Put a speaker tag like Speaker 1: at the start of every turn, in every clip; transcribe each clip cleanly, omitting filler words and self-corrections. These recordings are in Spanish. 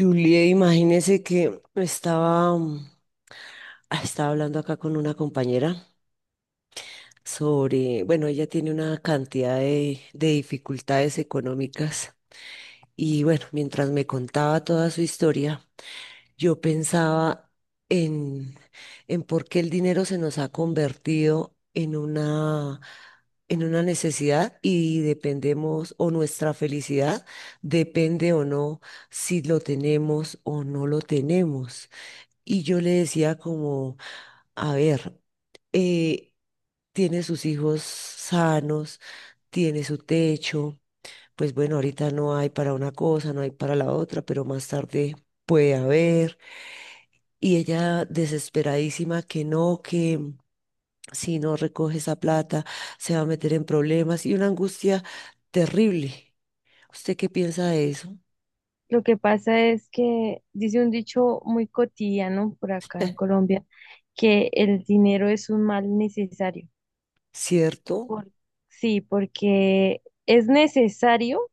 Speaker 1: Julie, imagínese que estaba hablando acá con una compañera sobre, bueno, ella tiene una cantidad de dificultades económicas y bueno, mientras me contaba toda su historia, yo pensaba en, en por qué el dinero se nos ha convertido en una necesidad y dependemos o nuestra felicidad depende o no si lo tenemos o no lo tenemos. Y yo le decía como a ver, eh, tiene sus hijos sanos, tiene su techo, pues bueno, ahorita no hay para una cosa, no hay para la otra, pero más tarde puede haber. Y ella desesperadísima que no, que si no recoge esa plata se va a meter en problemas y una angustia terrible. ¿Usted qué piensa de eso?
Speaker 2: Lo que pasa es que dice un dicho muy cotidiano por acá en Colombia, que el dinero es un mal necesario.
Speaker 1: ¿Cierto?
Speaker 2: Por- sí, porque es necesario,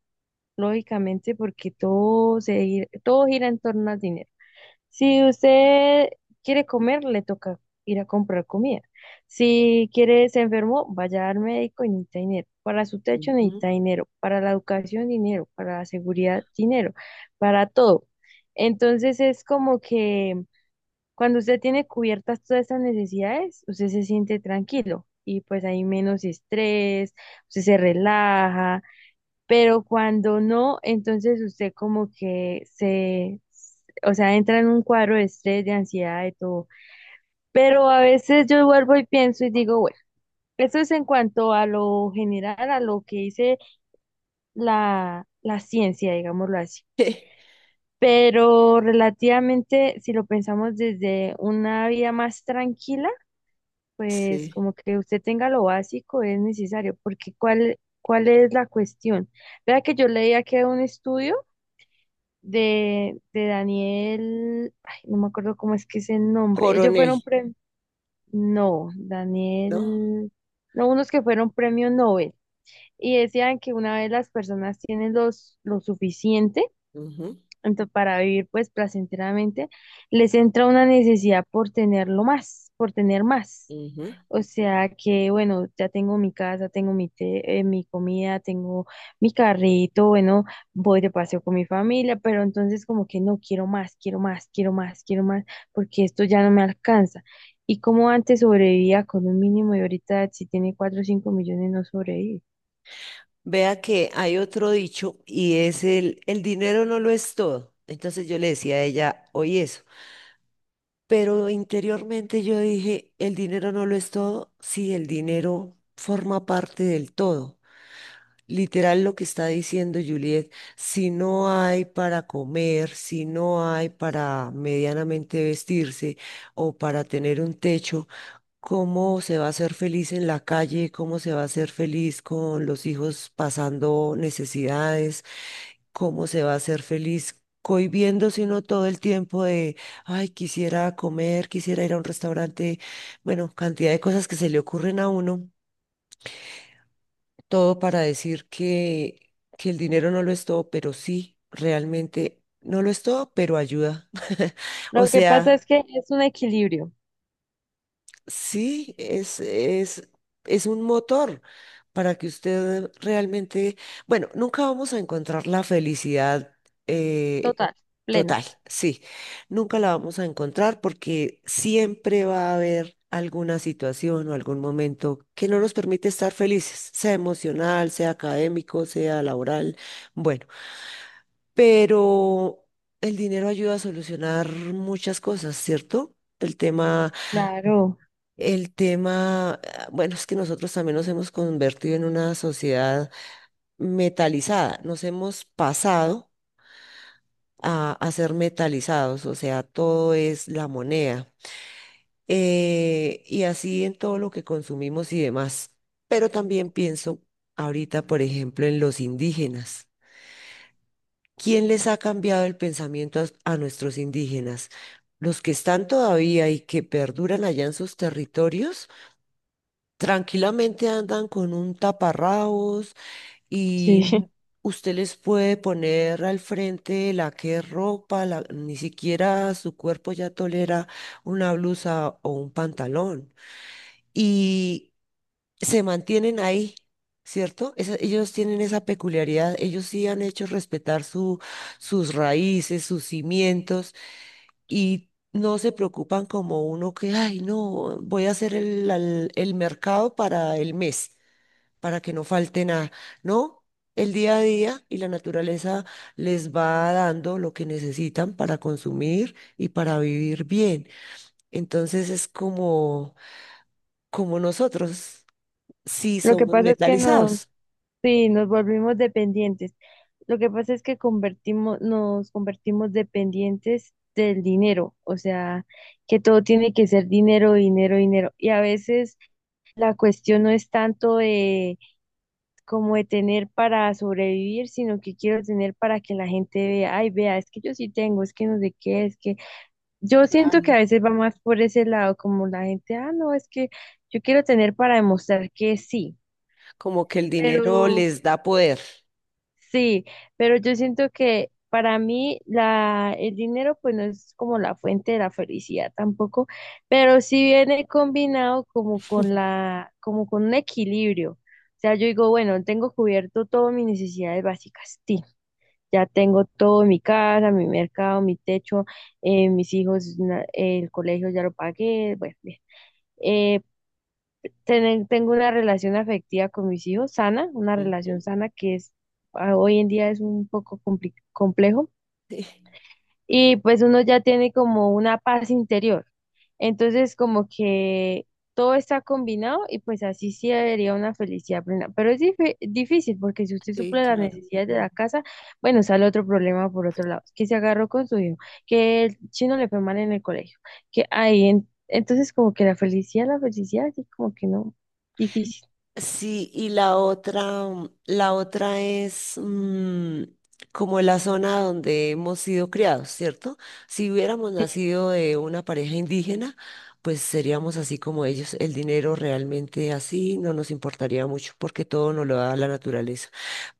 Speaker 2: lógicamente, porque todo gira en torno al dinero. Si usted quiere comer, le toca ir a comprar comida. Si quiere, se enfermó, vaya al médico y necesita dinero. Para su techo
Speaker 1: Ujú.
Speaker 2: necesita dinero. Para la educación, dinero. Para la seguridad, dinero. Para todo. Entonces es como que cuando usted tiene cubiertas todas estas necesidades, usted se siente tranquilo y pues hay menos estrés, usted se relaja, pero cuando no, entonces usted como que se, o sea, entra en un cuadro de estrés, de ansiedad, de todo. Pero a veces yo vuelvo y pienso y digo, bueno, eso es en cuanto a lo general, a lo que dice la ciencia, digámoslo así. Pero relativamente, si lo pensamos desde una vida más tranquila, pues
Speaker 1: Sí,
Speaker 2: como que usted tenga lo básico es necesario, porque ¿cuál, cuál es la cuestión? Vea que yo leía que un estudio de Daniel, ay, no me acuerdo cómo es que es el nombre. Ellos
Speaker 1: coronel,
Speaker 2: fueron premio, no,
Speaker 1: ¿no?
Speaker 2: Daniel, no, unos que fueron premio Nobel y decían que una vez las personas tienen lo suficiente
Speaker 1: Ujú,
Speaker 2: para vivir pues placenteramente, les entra una necesidad por tenerlo más, por tener más.
Speaker 1: ujú.
Speaker 2: O sea que, bueno, ya tengo mi casa, tengo mi té, mi comida, tengo mi carrito, bueno, voy de paseo con mi familia, pero entonces como que no quiero más, quiero más, quiero más, quiero más, porque esto ya no me alcanza. Y como antes sobrevivía con un mínimo y ahorita si tiene cuatro o cinco millones no sobrevive.
Speaker 1: Vea que hay otro dicho y es el dinero no lo es todo. Entonces yo le decía a ella, hoy eso. Pero interiormente yo dije, el dinero no lo es todo. Sí, el dinero forma parte del todo. Literal lo que está diciendo Juliet, si no hay para comer, si no hay para medianamente vestirse o para tener un techo, cómo se va a ser feliz en la calle, cómo se va a ser feliz con los hijos pasando necesidades, cómo se va a ser feliz cohibiendo, sino todo el tiempo de, ay, quisiera comer, quisiera ir a un restaurante, bueno, cantidad de cosas que se le ocurren a uno, todo para decir que el dinero no lo es todo, pero sí, realmente no lo es todo, pero ayuda. O
Speaker 2: Lo que pasa
Speaker 1: sea...
Speaker 2: es que es un equilibrio
Speaker 1: Sí, es un motor para que usted realmente, bueno, nunca vamos a encontrar la felicidad eh,
Speaker 2: total,
Speaker 1: total,
Speaker 2: plena.
Speaker 1: sí, nunca la vamos a encontrar porque siempre va a haber alguna situación o algún momento que no nos permite estar felices, sea emocional, sea académico, sea laboral, bueno, pero el dinero ayuda a solucionar muchas cosas, ¿cierto? El tema
Speaker 2: Claro,
Speaker 1: el tema, ah, bueno, es que nosotros también nos hemos convertido en una sociedad metalizada, nos hemos pasado a ser metalizados, o sea, todo es la moneda, y así en todo lo que consumimos y demás. Pero también pienso ahorita, por ejemplo, en los indígenas. ¿Quién les ha cambiado el pensamiento a nuestros indígenas? Los que están todavía y que perduran allá en sus territorios. Tranquilamente andan con un taparrabos
Speaker 2: sí.
Speaker 1: y usted les puede poner al frente la que es ropa, ni siquiera su cuerpo ya tolera una blusa o un pantalón. Y se mantienen ahí, ¿cierto? Ellos tienen esa peculiaridad, ellos sí han hecho respetar su, sus raíces, sus cimientos y... No se preocupan como uno que, ay, no, voy a hacer el mercado para el mes para que no falte nada, ¿no? El día a día y la naturaleza les va dando lo que necesitan para consumir y para vivir bien. Entonces es como, como nosotros, sí
Speaker 2: Lo que
Speaker 1: somos
Speaker 2: pasa es que no.
Speaker 1: metalizados,
Speaker 2: Sí, nos volvimos dependientes. Lo que pasa es que nos convertimos dependientes del dinero, o sea, que todo tiene que ser dinero, dinero, dinero. Y a veces la cuestión no es tanto de como de tener para sobrevivir, sino que quiero tener para que la gente vea, ay, vea, es que yo sí tengo, es que no sé qué, es que yo siento que a veces va más por ese lado, como la gente, ah, no, es que yo quiero tener para demostrar que sí,
Speaker 1: como que el dinero
Speaker 2: pero...
Speaker 1: les da poder.
Speaker 2: Sí, pero yo siento que para mí el dinero pues no es como la fuente de la felicidad tampoco, pero sí viene combinado como con un equilibrio. O sea, yo digo, bueno, tengo cubierto todas mis necesidades básicas, sí, ya tengo todo, mi casa, mi mercado, mi techo, mis hijos, el colegio ya lo pagué, bueno, bien. Tengo una relación afectiva con mis hijos, sana, una
Speaker 1: Ujú.
Speaker 2: relación sana que es ah, hoy en día es un poco complejo
Speaker 1: Sí,
Speaker 2: y pues uno ya tiene como una paz interior. Entonces como que todo está combinado y pues así sí debería una felicidad plena. Pero es difícil porque si usted
Speaker 1: sí,
Speaker 2: suple las
Speaker 1: claro.
Speaker 2: necesidades de la casa, bueno, sale otro problema por otro lado, que se agarró con su hijo, que el chino le fue mal en el colegio, entonces como que la felicidad, así como que no, difícil.
Speaker 1: Sí, y la otra es como la zona donde hemos sido criados, ¿cierto? Si hubiéramos
Speaker 2: Sí,
Speaker 1: nacido de una pareja indígena, pues seríamos así como ellos. El dinero realmente así no nos importaría mucho porque todo nos lo da la naturaleza.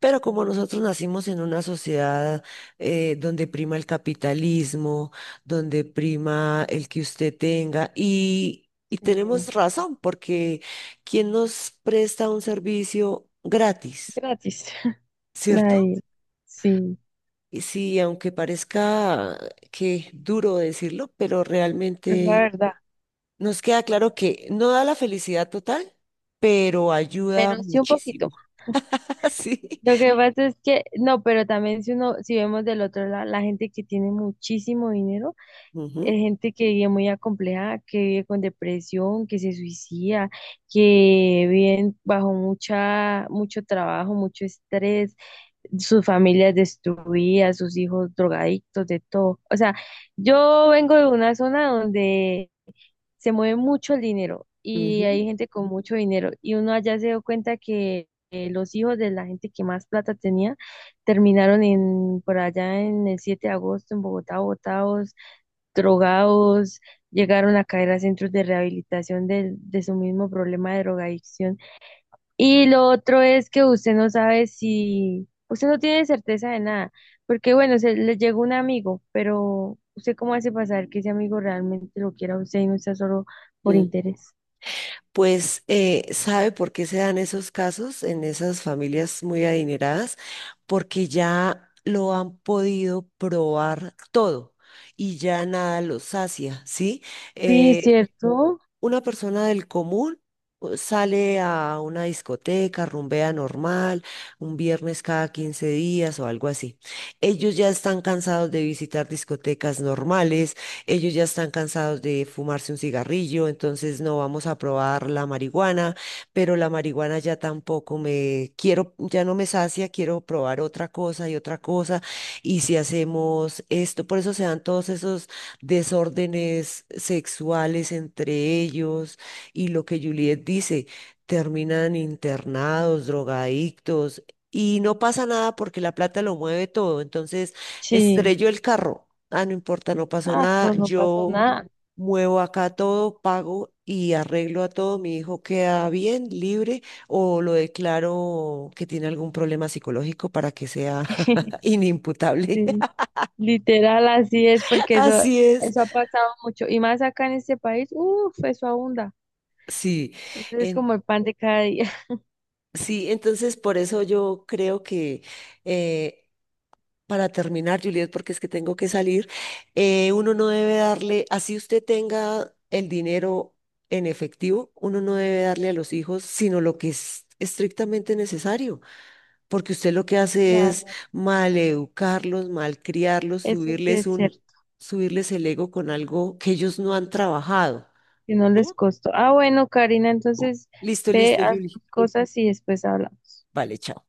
Speaker 1: Pero como nosotros nacimos en una sociedad donde prima el capitalismo, donde prima el que usted tenga y... Y
Speaker 2: sí,
Speaker 1: tenemos razón, porque ¿quién nos presta un servicio gratis?
Speaker 2: gratis.
Speaker 1: ¿Cierto?
Speaker 2: nadie. Sí,
Speaker 1: Y sí, aunque parezca que duro decirlo, pero
Speaker 2: es la
Speaker 1: realmente
Speaker 2: verdad.
Speaker 1: nos queda claro que no da la felicidad total, pero ayuda
Speaker 2: Pero sí un
Speaker 1: muchísimo.
Speaker 2: poquito.
Speaker 1: Así.
Speaker 2: Lo que pasa es que, no, pero también si uno, si vemos del otro lado, la gente que tiene muchísimo dinero, es gente que vive muy acomplejada, que vive con depresión, que se suicida, que viven bajo mucha, mucho trabajo, mucho estrés, sus familias destruidas, sus hijos drogadictos, de todo. O sea, yo vengo de una zona donde se mueve mucho el dinero y
Speaker 1: Ujú,
Speaker 2: hay
Speaker 1: ujú,
Speaker 2: gente con mucho dinero y uno allá se dio cuenta que los hijos de la gente que más plata tenía terminaron en por allá en el 7 de agosto en Bogotá botados, drogados, llegaron a caer a centros de rehabilitación de su mismo problema de drogadicción y lo otro es que usted no sabe si, usted no tiene certeza de nada, porque bueno, se le llegó un amigo, pero usted cómo hace pasar que ese amigo realmente lo quiera a usted y no sea solo por
Speaker 1: mm.
Speaker 2: interés.
Speaker 1: Pues sabe por qué se dan esos casos en esas familias muy adineradas, porque ya lo han podido probar todo y ya nada los sacia, ¿sí?
Speaker 2: Sí,
Speaker 1: Eh,
Speaker 2: ¿cierto?
Speaker 1: una persona del común sale a una discoteca, rumbea normal, un viernes cada 15 días o algo así. Ellos ya están cansados de visitar discotecas normales, ellos ya están cansados de fumarse un cigarrillo, entonces no vamos a probar la marihuana, pero la marihuana ya tampoco me quiero, ya no me sacia, quiero probar otra cosa. Y si hacemos esto, por eso se dan todos esos desórdenes sexuales entre ellos y lo que Juliet dice, terminan internados, drogadictos y no pasa nada porque la plata lo mueve todo. Entonces,
Speaker 2: Sí.
Speaker 1: estrelló el carro. Ah, no importa, no pasó
Speaker 2: Ah, eso
Speaker 1: nada.
Speaker 2: no pasó
Speaker 1: Yo
Speaker 2: nada.
Speaker 1: muevo acá todo, pago y arreglo a todo. Mi hijo queda bien, libre, o lo declaro que tiene algún problema psicológico para que sea inimputable.
Speaker 2: Sí. Literal, así es, porque eso,
Speaker 1: Así es.
Speaker 2: eso ha pasado mucho. Y más acá en este país, uff, eso abunda.
Speaker 1: Sí.
Speaker 2: Eso es
Speaker 1: En-
Speaker 2: como el pan de cada día.
Speaker 1: Sí, entonces por eso yo creo que eh, para terminar, Juliet, porque es que tengo que salir, uno no debe darle, así usted tenga el dinero en efectivo, uno no debe darle a los hijos sino lo que es estrictamente necesario, porque usted lo que hace es
Speaker 2: Claro,
Speaker 1: maleducarlos, malcriarlos,
Speaker 2: eso sí
Speaker 1: subirles
Speaker 2: es
Speaker 1: un,
Speaker 2: cierto.
Speaker 1: subirles el ego con algo que ellos no han trabajado.
Speaker 2: Que no
Speaker 1: ¿Mm?
Speaker 2: les costó. Ah, bueno, Karina, entonces
Speaker 1: Listo,
Speaker 2: ve,
Speaker 1: listo,
Speaker 2: a
Speaker 1: Julie.
Speaker 2: tus cosas y después hablamos.
Speaker 1: Vale, chao.